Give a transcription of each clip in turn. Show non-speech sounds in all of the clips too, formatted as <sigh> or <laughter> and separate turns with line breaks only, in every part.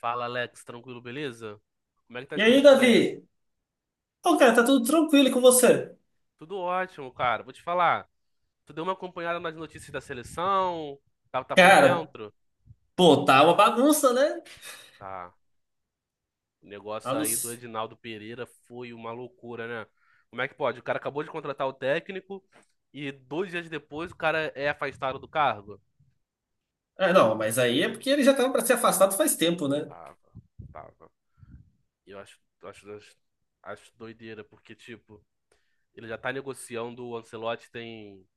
Fala, Alex, tranquilo, beleza? Como é que tá
E
as
aí,
coisas por aí?
Davi? Pô, cara, tá tudo tranquilo com você?
Tudo ótimo, cara. Vou te falar. Tu deu uma acompanhada nas notícias da seleção? Tá por
Cara,
dentro?
pô, tá uma bagunça, né?
Tá. O
A
negócio
não...
aí do
s-
Edinaldo Pereira foi uma loucura, né? Como é que pode? O cara acabou de contratar o técnico e dois dias depois o cara é afastado do cargo?
É, não, mas aí é porque ele já tava pra ser afastado faz tempo, né?
Tava, tava. Eu acho doideira, porque, tipo, ele já tá negociando o Ancelotti tem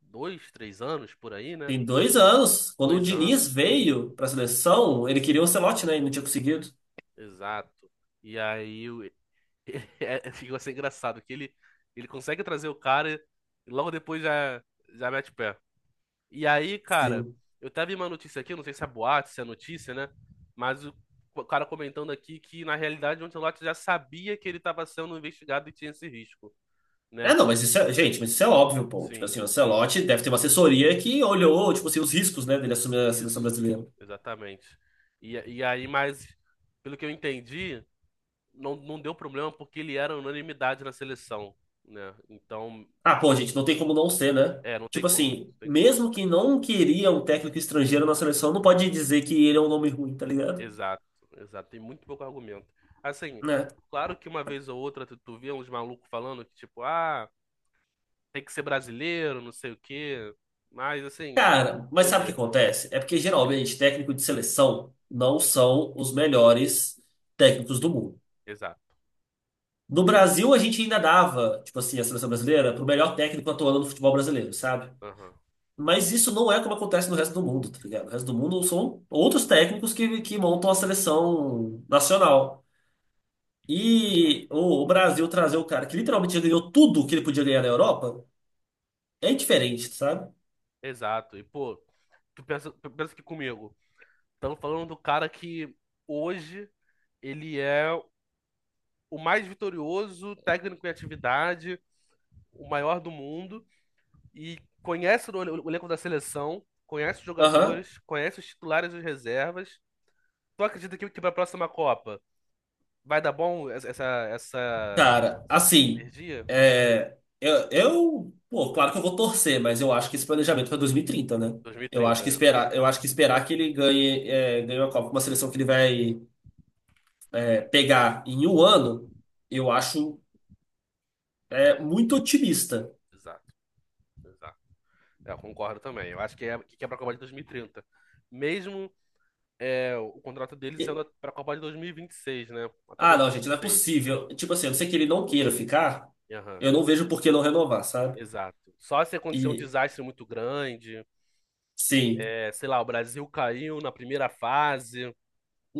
dois, três anos por aí, né?
Tem dois anos. Quando o
Dois anos.
Diniz veio pra seleção, ele queria o Ancelotti, né? E não tinha conseguido.
Exato. E aí o- <laughs> É, fica assim engraçado que ele consegue trazer o cara e logo depois já mete o pé. E aí, cara,
Sim.
eu tava vi uma notícia aqui, não sei se é boate se é notícia, né? Mas o cara comentando aqui que na realidade o Ancelotti já sabia que ele estava sendo investigado e tinha esse risco,
É,
né?
não, mas isso é... Gente, mas isso é óbvio, pô. Tipo
Sim,
assim, o
sim.
Ancelotti deve ter uma assessoria que olhou, tipo assim, os riscos, né, dele assumir a seleção
Isso,
brasileira.
exatamente. E aí, mas pelo que eu entendi, não deu problema porque ele era unanimidade na seleção, né? Então,
Ah, pô, gente, não tem como não ser, né?
é, não tem
Tipo
como, não
assim,
tem como.
mesmo que não queria um técnico estrangeiro na seleção, não pode dizer que ele é um nome ruim, tá ligado?
Exato, exato. Tem muito pouco argumento. Assim,
Né?
claro que uma vez ou outra tu vê uns malucos falando que, tipo, ah, tem que ser brasileiro, não sei o quê. Mas, assim, é
Cara, mas sabe o que
doideira.
acontece? É porque geralmente técnico de seleção não são os melhores técnicos do mundo.
Exato.
No Brasil, a gente ainda dava, tipo assim, a seleção brasileira pro melhor técnico atuando no futebol brasileiro, sabe?
Aham,
Mas isso não é como acontece no resto do mundo, tá ligado? O resto do mundo são outros técnicos que montam a seleção nacional.
exato.
E o Brasil trazer o cara que literalmente já ganhou tudo que ele podia ganhar na Europa é diferente, sabe?
Exato. E, pô, tu pensa que comigo, estamos falando do cara que hoje ele é o mais vitorioso técnico em atividade, o maior do mundo. E conhece o elenco da seleção, conhece os
Aham.
jogadores, conhece os titulares e os reservas. Tu acredita que para a próxima Copa vai dar bom essa
Cara, assim,
energia?
Pô, claro que eu vou torcer, mas eu acho que esse planejamento para 2030, né? Eu
2030,
acho que
né?
esperar, eu acho que esperar que ele ganhe, ganhe uma Copa com uma seleção que ele vai, pegar em um ano, eu acho, muito otimista.
Exato, exato. É, eu concordo também. Eu acho que é para a Copa de 2030. Mesmo o contrato dele
E-
sendo para a Copa de 2026, né? Até
ah, não, gente, não é
2026.
possível. Tipo assim, a não ser que ele não queira ficar,
Aham,
eu não vejo por que não renovar, sabe?
exato. Só se acontecer um
E,
desastre muito grande,
sim.
sei lá, o Brasil caiu na primeira fase,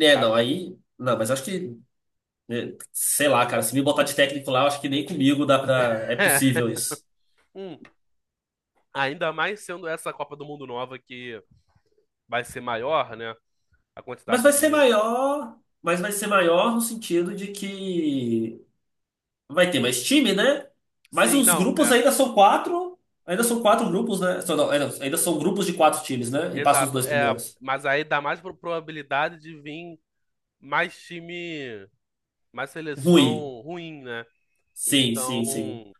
É, não, aí. Não, mas acho que. Sei lá, cara, se me botar de técnico lá, eu acho que nem comigo dá pra. É possível
<laughs>
isso.
Hum, Ainda mais sendo essa Copa do Mundo nova que vai ser maior, né? A
Mas
quantidade
vai ser
de.
maior. Mas vai ser maior no sentido de que vai ter mais time, né? Mas
Sim,
os
não,
grupos
é.
ainda são quatro. Ainda são
São.
quatro grupos, né? Só Não, é, não, ainda são grupos de quatro times, né? E passam os
Exato,
dois
é.
primeiros.
Mas aí dá mais probabilidade de vir mais time, mais
Ruim.
seleção ruim, né?
Sim, sim, sim.
Então,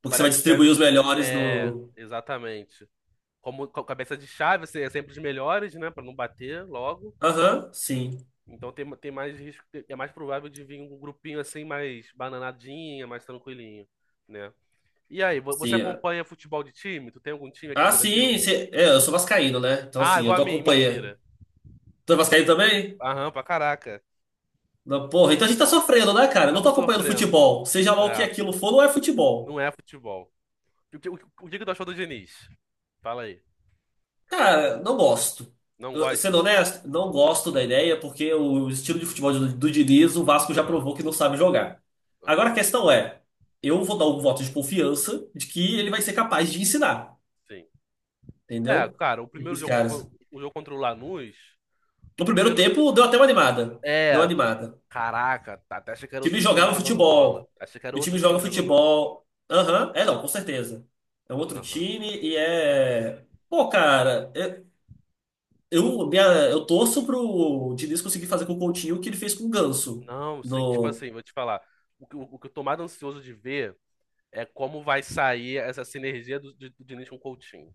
Porque você vai
parece que deve.
distribuir os melhores
É,
no.
exatamente. Como cabeça de chave, assim, é sempre os melhores, né? Pra não bater logo.
Aham, sim.
Então tem mais risco, é mais provável de vir um grupinho assim, mais bananadinha, mais tranquilinho, né? E aí, você
Sim. é.
acompanha futebol de time? Tu tem algum time aqui no
Ah,
Brasil?
sim, sim. É, eu sou vascaíno, né? Então,
Ah,
assim, eu
igual a
tô
mim, mentira.
acompanhando. Tu é vascaíno também?
Aham, pra caraca.
Não, porra, então a gente tá sofrendo, né, cara? Eu não tô
Estamos
acompanhando
sofrendo.
futebol. Seja lá o que
É,
aquilo for, não é futebol.
não é futebol. O que que tu achou do Diniz? Fala aí.
Cara, não gosto.
Não
Sendo
gosta?
honesto, não gosto da ideia, porque o estilo de futebol do Diniz, o Vasco já
Aham,
provou que não sabe jogar. Agora
aham.
a questão é, eu vou dar um voto de confiança de que ele vai ser capaz de ensinar,
Sim. É,
entendeu?
cara, o primeiro
Esses
jogo
caras.
o jogo contra o Lanús,
No primeiro
primeiro
tempo, deu até uma animada. Deu uma
é,
animada.
caraca, tá, até achei que
O
era
time
outro time
jogava
jogando bola.
futebol.
Achei que era
O time
outro
joga
time jogando bola.
futebol. Aham, é não, com certeza. É um outro
Aham.
time e é. Pô, cara, eu torço pro Diniz conseguir fazer com o Coutinho o que ele fez com o Ganso.
Não, sim, tipo
No...
assim, vou te falar. O que eu tô mais ansioso de ver é como vai sair essa sinergia do Diniz com o Coutinho.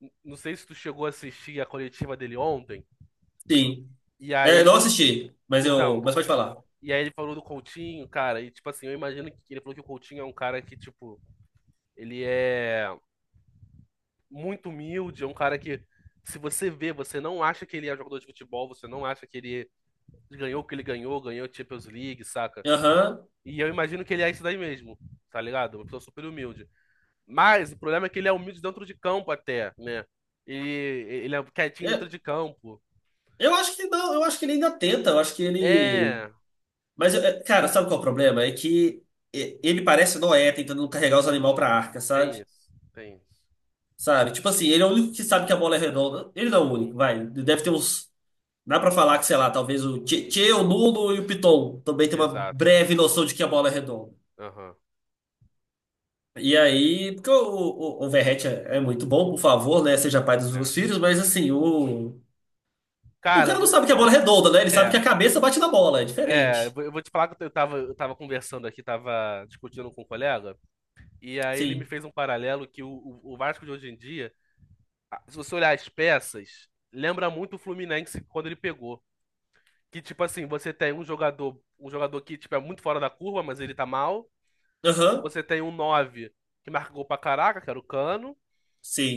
Não sei se tu chegou a assistir a coletiva dele ontem,
Sim.
e aí
É,
ele.
não assisti, mas eu.
Então,
Mas pode falar.
e aí ele falou do Coutinho, cara, e tipo assim, eu imagino que ele falou que o Coutinho é um cara que, tipo, ele é muito humilde, é um cara que. Se você vê, você não acha que ele é um jogador de futebol, você não acha que ele ganhou o que ele ganhou, ganhou a Champions League, saca?
Aham.
E eu imagino que ele é isso daí mesmo, tá ligado? Uma pessoa super humilde. Mas o problema é que ele é humilde dentro de campo até, né? E ele é quietinho dentro de
É,
campo.
eu acho que não, eu acho que ele ainda tenta, eu acho que ele.
É,
Mas, é, cara, sabe qual é o problema? É que ele parece Noé tentando carregar os animais pra arca,
tem
sabe?
isso, tem isso.
Sabe? Tipo assim, ele é o único que sabe que a bola é redonda. Ele não é o
Uhum,
único, vai. Deve ter uns. Dá pra falar que, sei lá, talvez o Tchê, Tchê, o Nuno e o Piton também tem uma
exato.
breve noção de que a bola é redonda.
Aham,
E aí, porque o Verratti é, é muito bom, por favor, né? Seja pai dos
é.
meus filhos, mas assim, o. O
Cara,
cara não sabe que a bola é redonda, né? Ele sabe
é,
que a cabeça bate na bola, é
é, eu
diferente.
vou eu vou te falar que eu tava conversando aqui, tava discutindo com um colega, e aí ele me
Sim.
fez um paralelo que o Vasco de hoje em dia, se você olhar as peças, lembra muito o Fluminense quando ele pegou. Que, tipo assim, você tem um jogador que, tipo, é muito fora da curva, mas ele tá mal.
Aham.
Você tem um 9 que marca gol pra caraca, que era o Cano.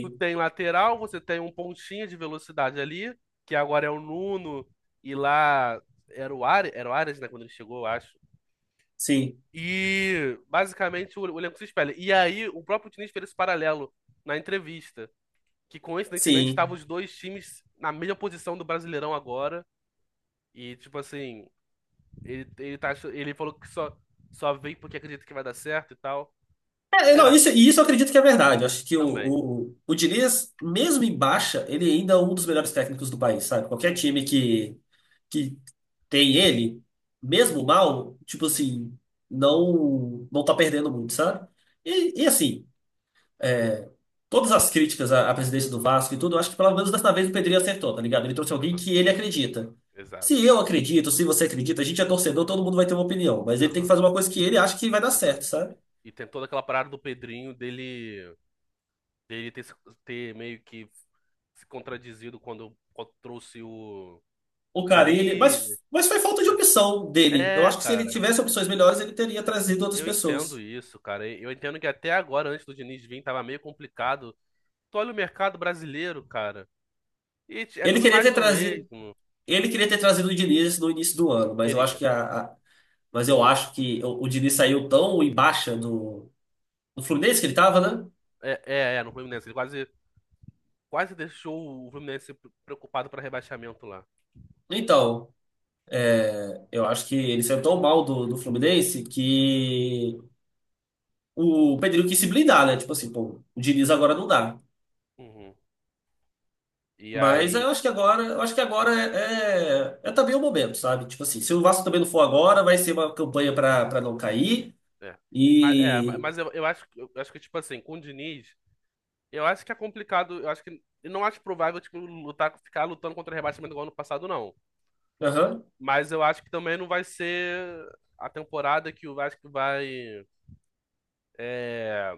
Tu tem lateral, você tem um pontinha de velocidade ali, que agora é o Nuno, e lá era o Ares, né, quando ele chegou, eu acho.
Sim.
E basicamente o elenco se espelha. E aí o próprio Diniz fez esse paralelo na entrevista, que coincidentemente estavam
Sim.
os dois times na mesma posição do Brasileirão agora. E tipo assim, ele falou que só veio porque acredita que vai dar certo e tal.
É,
É,
não, isso, e isso eu acredito que é verdade. Eu acho que o,
também.
o, o Diniz, mesmo em baixa, ele ainda é um dos melhores técnicos do país, sabe? Qualquer
Uhum.
time que tem ele, mesmo mal, tipo assim, não tá perdendo muito, sabe? E assim, é, todas as críticas à presidência do Vasco e tudo, eu acho que pelo menos dessa vez o Pedrinho acertou, tá ligado? Ele trouxe alguém que ele acredita.
Exato.
Se eu acredito, se você acredita, a gente é torcedor, todo mundo vai ter uma opinião, mas ele tem que
Aham,
fazer uma coisa que ele acha que vai dar
exato.
certo, sabe?
E tem toda aquela parada do Pedrinho dele, dele ter meio que se contradizido quando trouxe o,
O
o
Carille,
Carille,
mas foi falta de
né?
opção dele. Eu
É,
acho que se ele
cara,
tivesse opções melhores, ele teria trazido outras
eu entendo
pessoas.
isso, cara. Eu entendo que até agora, antes do Diniz vir, tava meio complicado. Tu olha o mercado brasileiro, cara, e é
Ele
tudo
queria
mais
ter
do
trazido,
mesmo.
ele queria ter trazido o Diniz no início do ano, mas eu acho
Queria.
que mas eu acho que o Diniz saiu tão em baixa do Fluminense que ele tava,
Aham.
né?
É, no Fluminense. Ele quase deixou o Fluminense preocupado para rebaixamento lá.
Então, eu acho que ele saiu tão mal do Fluminense que o Pedrinho quis se blindar, né? Tipo assim, pô, o Diniz agora não dá.
Uhum. E
Mas eu
aí.
acho que agora, eu acho que agora é também o momento, sabe? Tipo assim, se o Vasco também não for agora, vai ser uma campanha pra para não cair.
É. Mas, é, ma-
E.
mas eu acho que, tipo assim, com o Diniz, eu acho que é complicado. Eu acho que. Eu não acho provável, tipo, ficar lutando contra rebaixamento igual ano passado, não.
Aham.
Mas eu acho que também não vai ser a temporada que o Vasco vai é,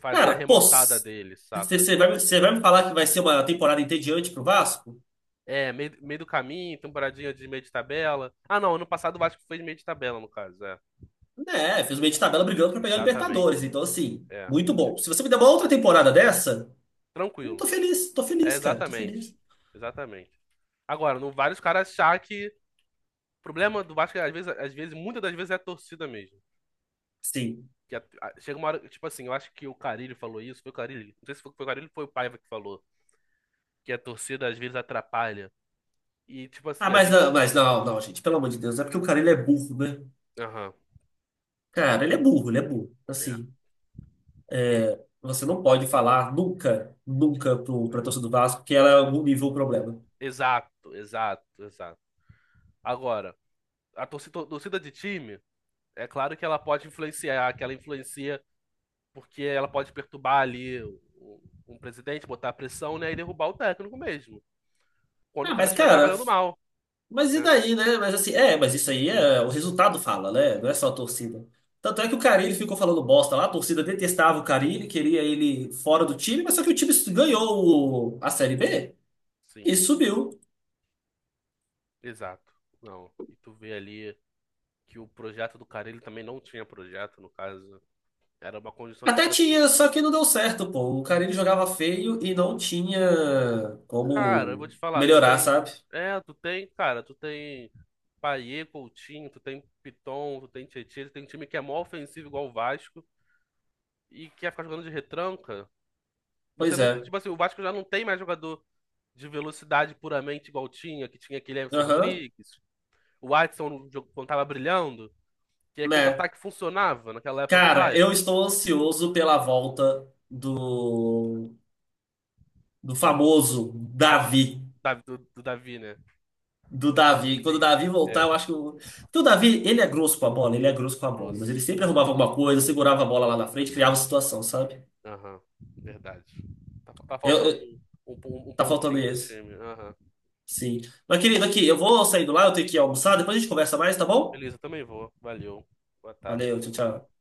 fazer a
Cara, pô,
remontada dele, saca?
você vai me falar que vai ser uma temporada entediante pro Vasco?
É, meio do caminho, temporadinha de meio de tabela. Ah, não, ano passado o Vasco fez meio de tabela, no caso, é.
Né, fez meio de tabela brigando pra pegar a
Exatamente.
Libertadores. Então, assim,
É.
muito bom. Se você me der uma outra temporada dessa, eu
Tranquilo.
tô
É,
feliz, cara, tô
exatamente.
feliz.
Exatamente. Agora, não vale os caras achar que o problema do Vasco, é, às vezes, muitas das vezes é a torcida mesmo.
Sim.
Que chega uma hora, tipo assim, eu acho que o Carille falou isso, foi o Carille, não sei se foi o Carille ou foi o Paiva que falou, que a torcida às vezes atrapalha. E, tipo assim, a gente.
Mas não, não, gente, pelo amor de Deus, é porque o cara ele é burro, né?
Aham,
Cara, ele é burro, ele é burro.
é,
Assim. É, você não pode falar nunca, nunca
é.
pra torcida do Vasco que ela é algum nível o problema.
Exato, exato, exato. Agora, a torcida de time, é claro que ela pode influenciar, que ela influencia porque ela pode perturbar ali um presidente, botar pressão, né, e derrubar o técnico mesmo. Quando o
Ah,
cara
mas
estiver
cara,
trabalhando mal,
mas e
né?
daí, né? Mas assim, é, mas isso aí é o resultado fala, né? Não é só a torcida. Tanto é que o Carille ficou falando bosta lá, a torcida detestava o Carille, queria ele fora do time, mas só que o time ganhou a Série B e
Sim.
subiu.
Exato. Não. E tu vê ali que o projeto do cara, ele também não tinha projeto, no caso. Era uma conjunção de
Até
fatores.
tinha, só que não deu certo, pô. O Carille jogava feio e não tinha
Cara, eu vou
como
te falar, tu
melhorar,
tem.
sabe?
É, tu tem, cara, tu tem Payet, Coutinho, tu tem Piton, tu tem Tietchan, tu tem um time que é mó ofensivo igual o Vasco e que ia ficar jogando de retranca. Você
Pois
não.
é.
Tipo assim, o Vasco já não tem mais jogador de velocidade puramente igual tinha, que tinha aquele Everson
Aham.
Rodrigues, o Watson no jogo quando tava brilhando, que aí
Né?
contra-ataque funcionava naquela época do
Cara, eu
Paiva.
estou
Hoje em dia.
ansioso pela volta do famoso
Ah, des-
Davi.
da- do, do Davi, né?
Do
Do
Davi. Quando o
David.
Davi voltar,
É,
eu acho que. O, porque o Davi, ele é grosso com a bola, ele é grosso com a bola, mas
grosso,
ele sempre
né?
arrumava alguma coisa, segurava a bola lá na frente,
Aham,
criava situação, sabe?
aham, verdade. Tá
Eu,
faltando
eu-
um, um
tá faltando
pontinho no
isso.
time. Aham.
Sim. Mas, querido, aqui, eu vou saindo lá, eu tenho que almoçar, depois a gente conversa mais, tá bom?
Beleza, também vou. Valeu. Boa
Valeu,
tarde.
tchau, tchau.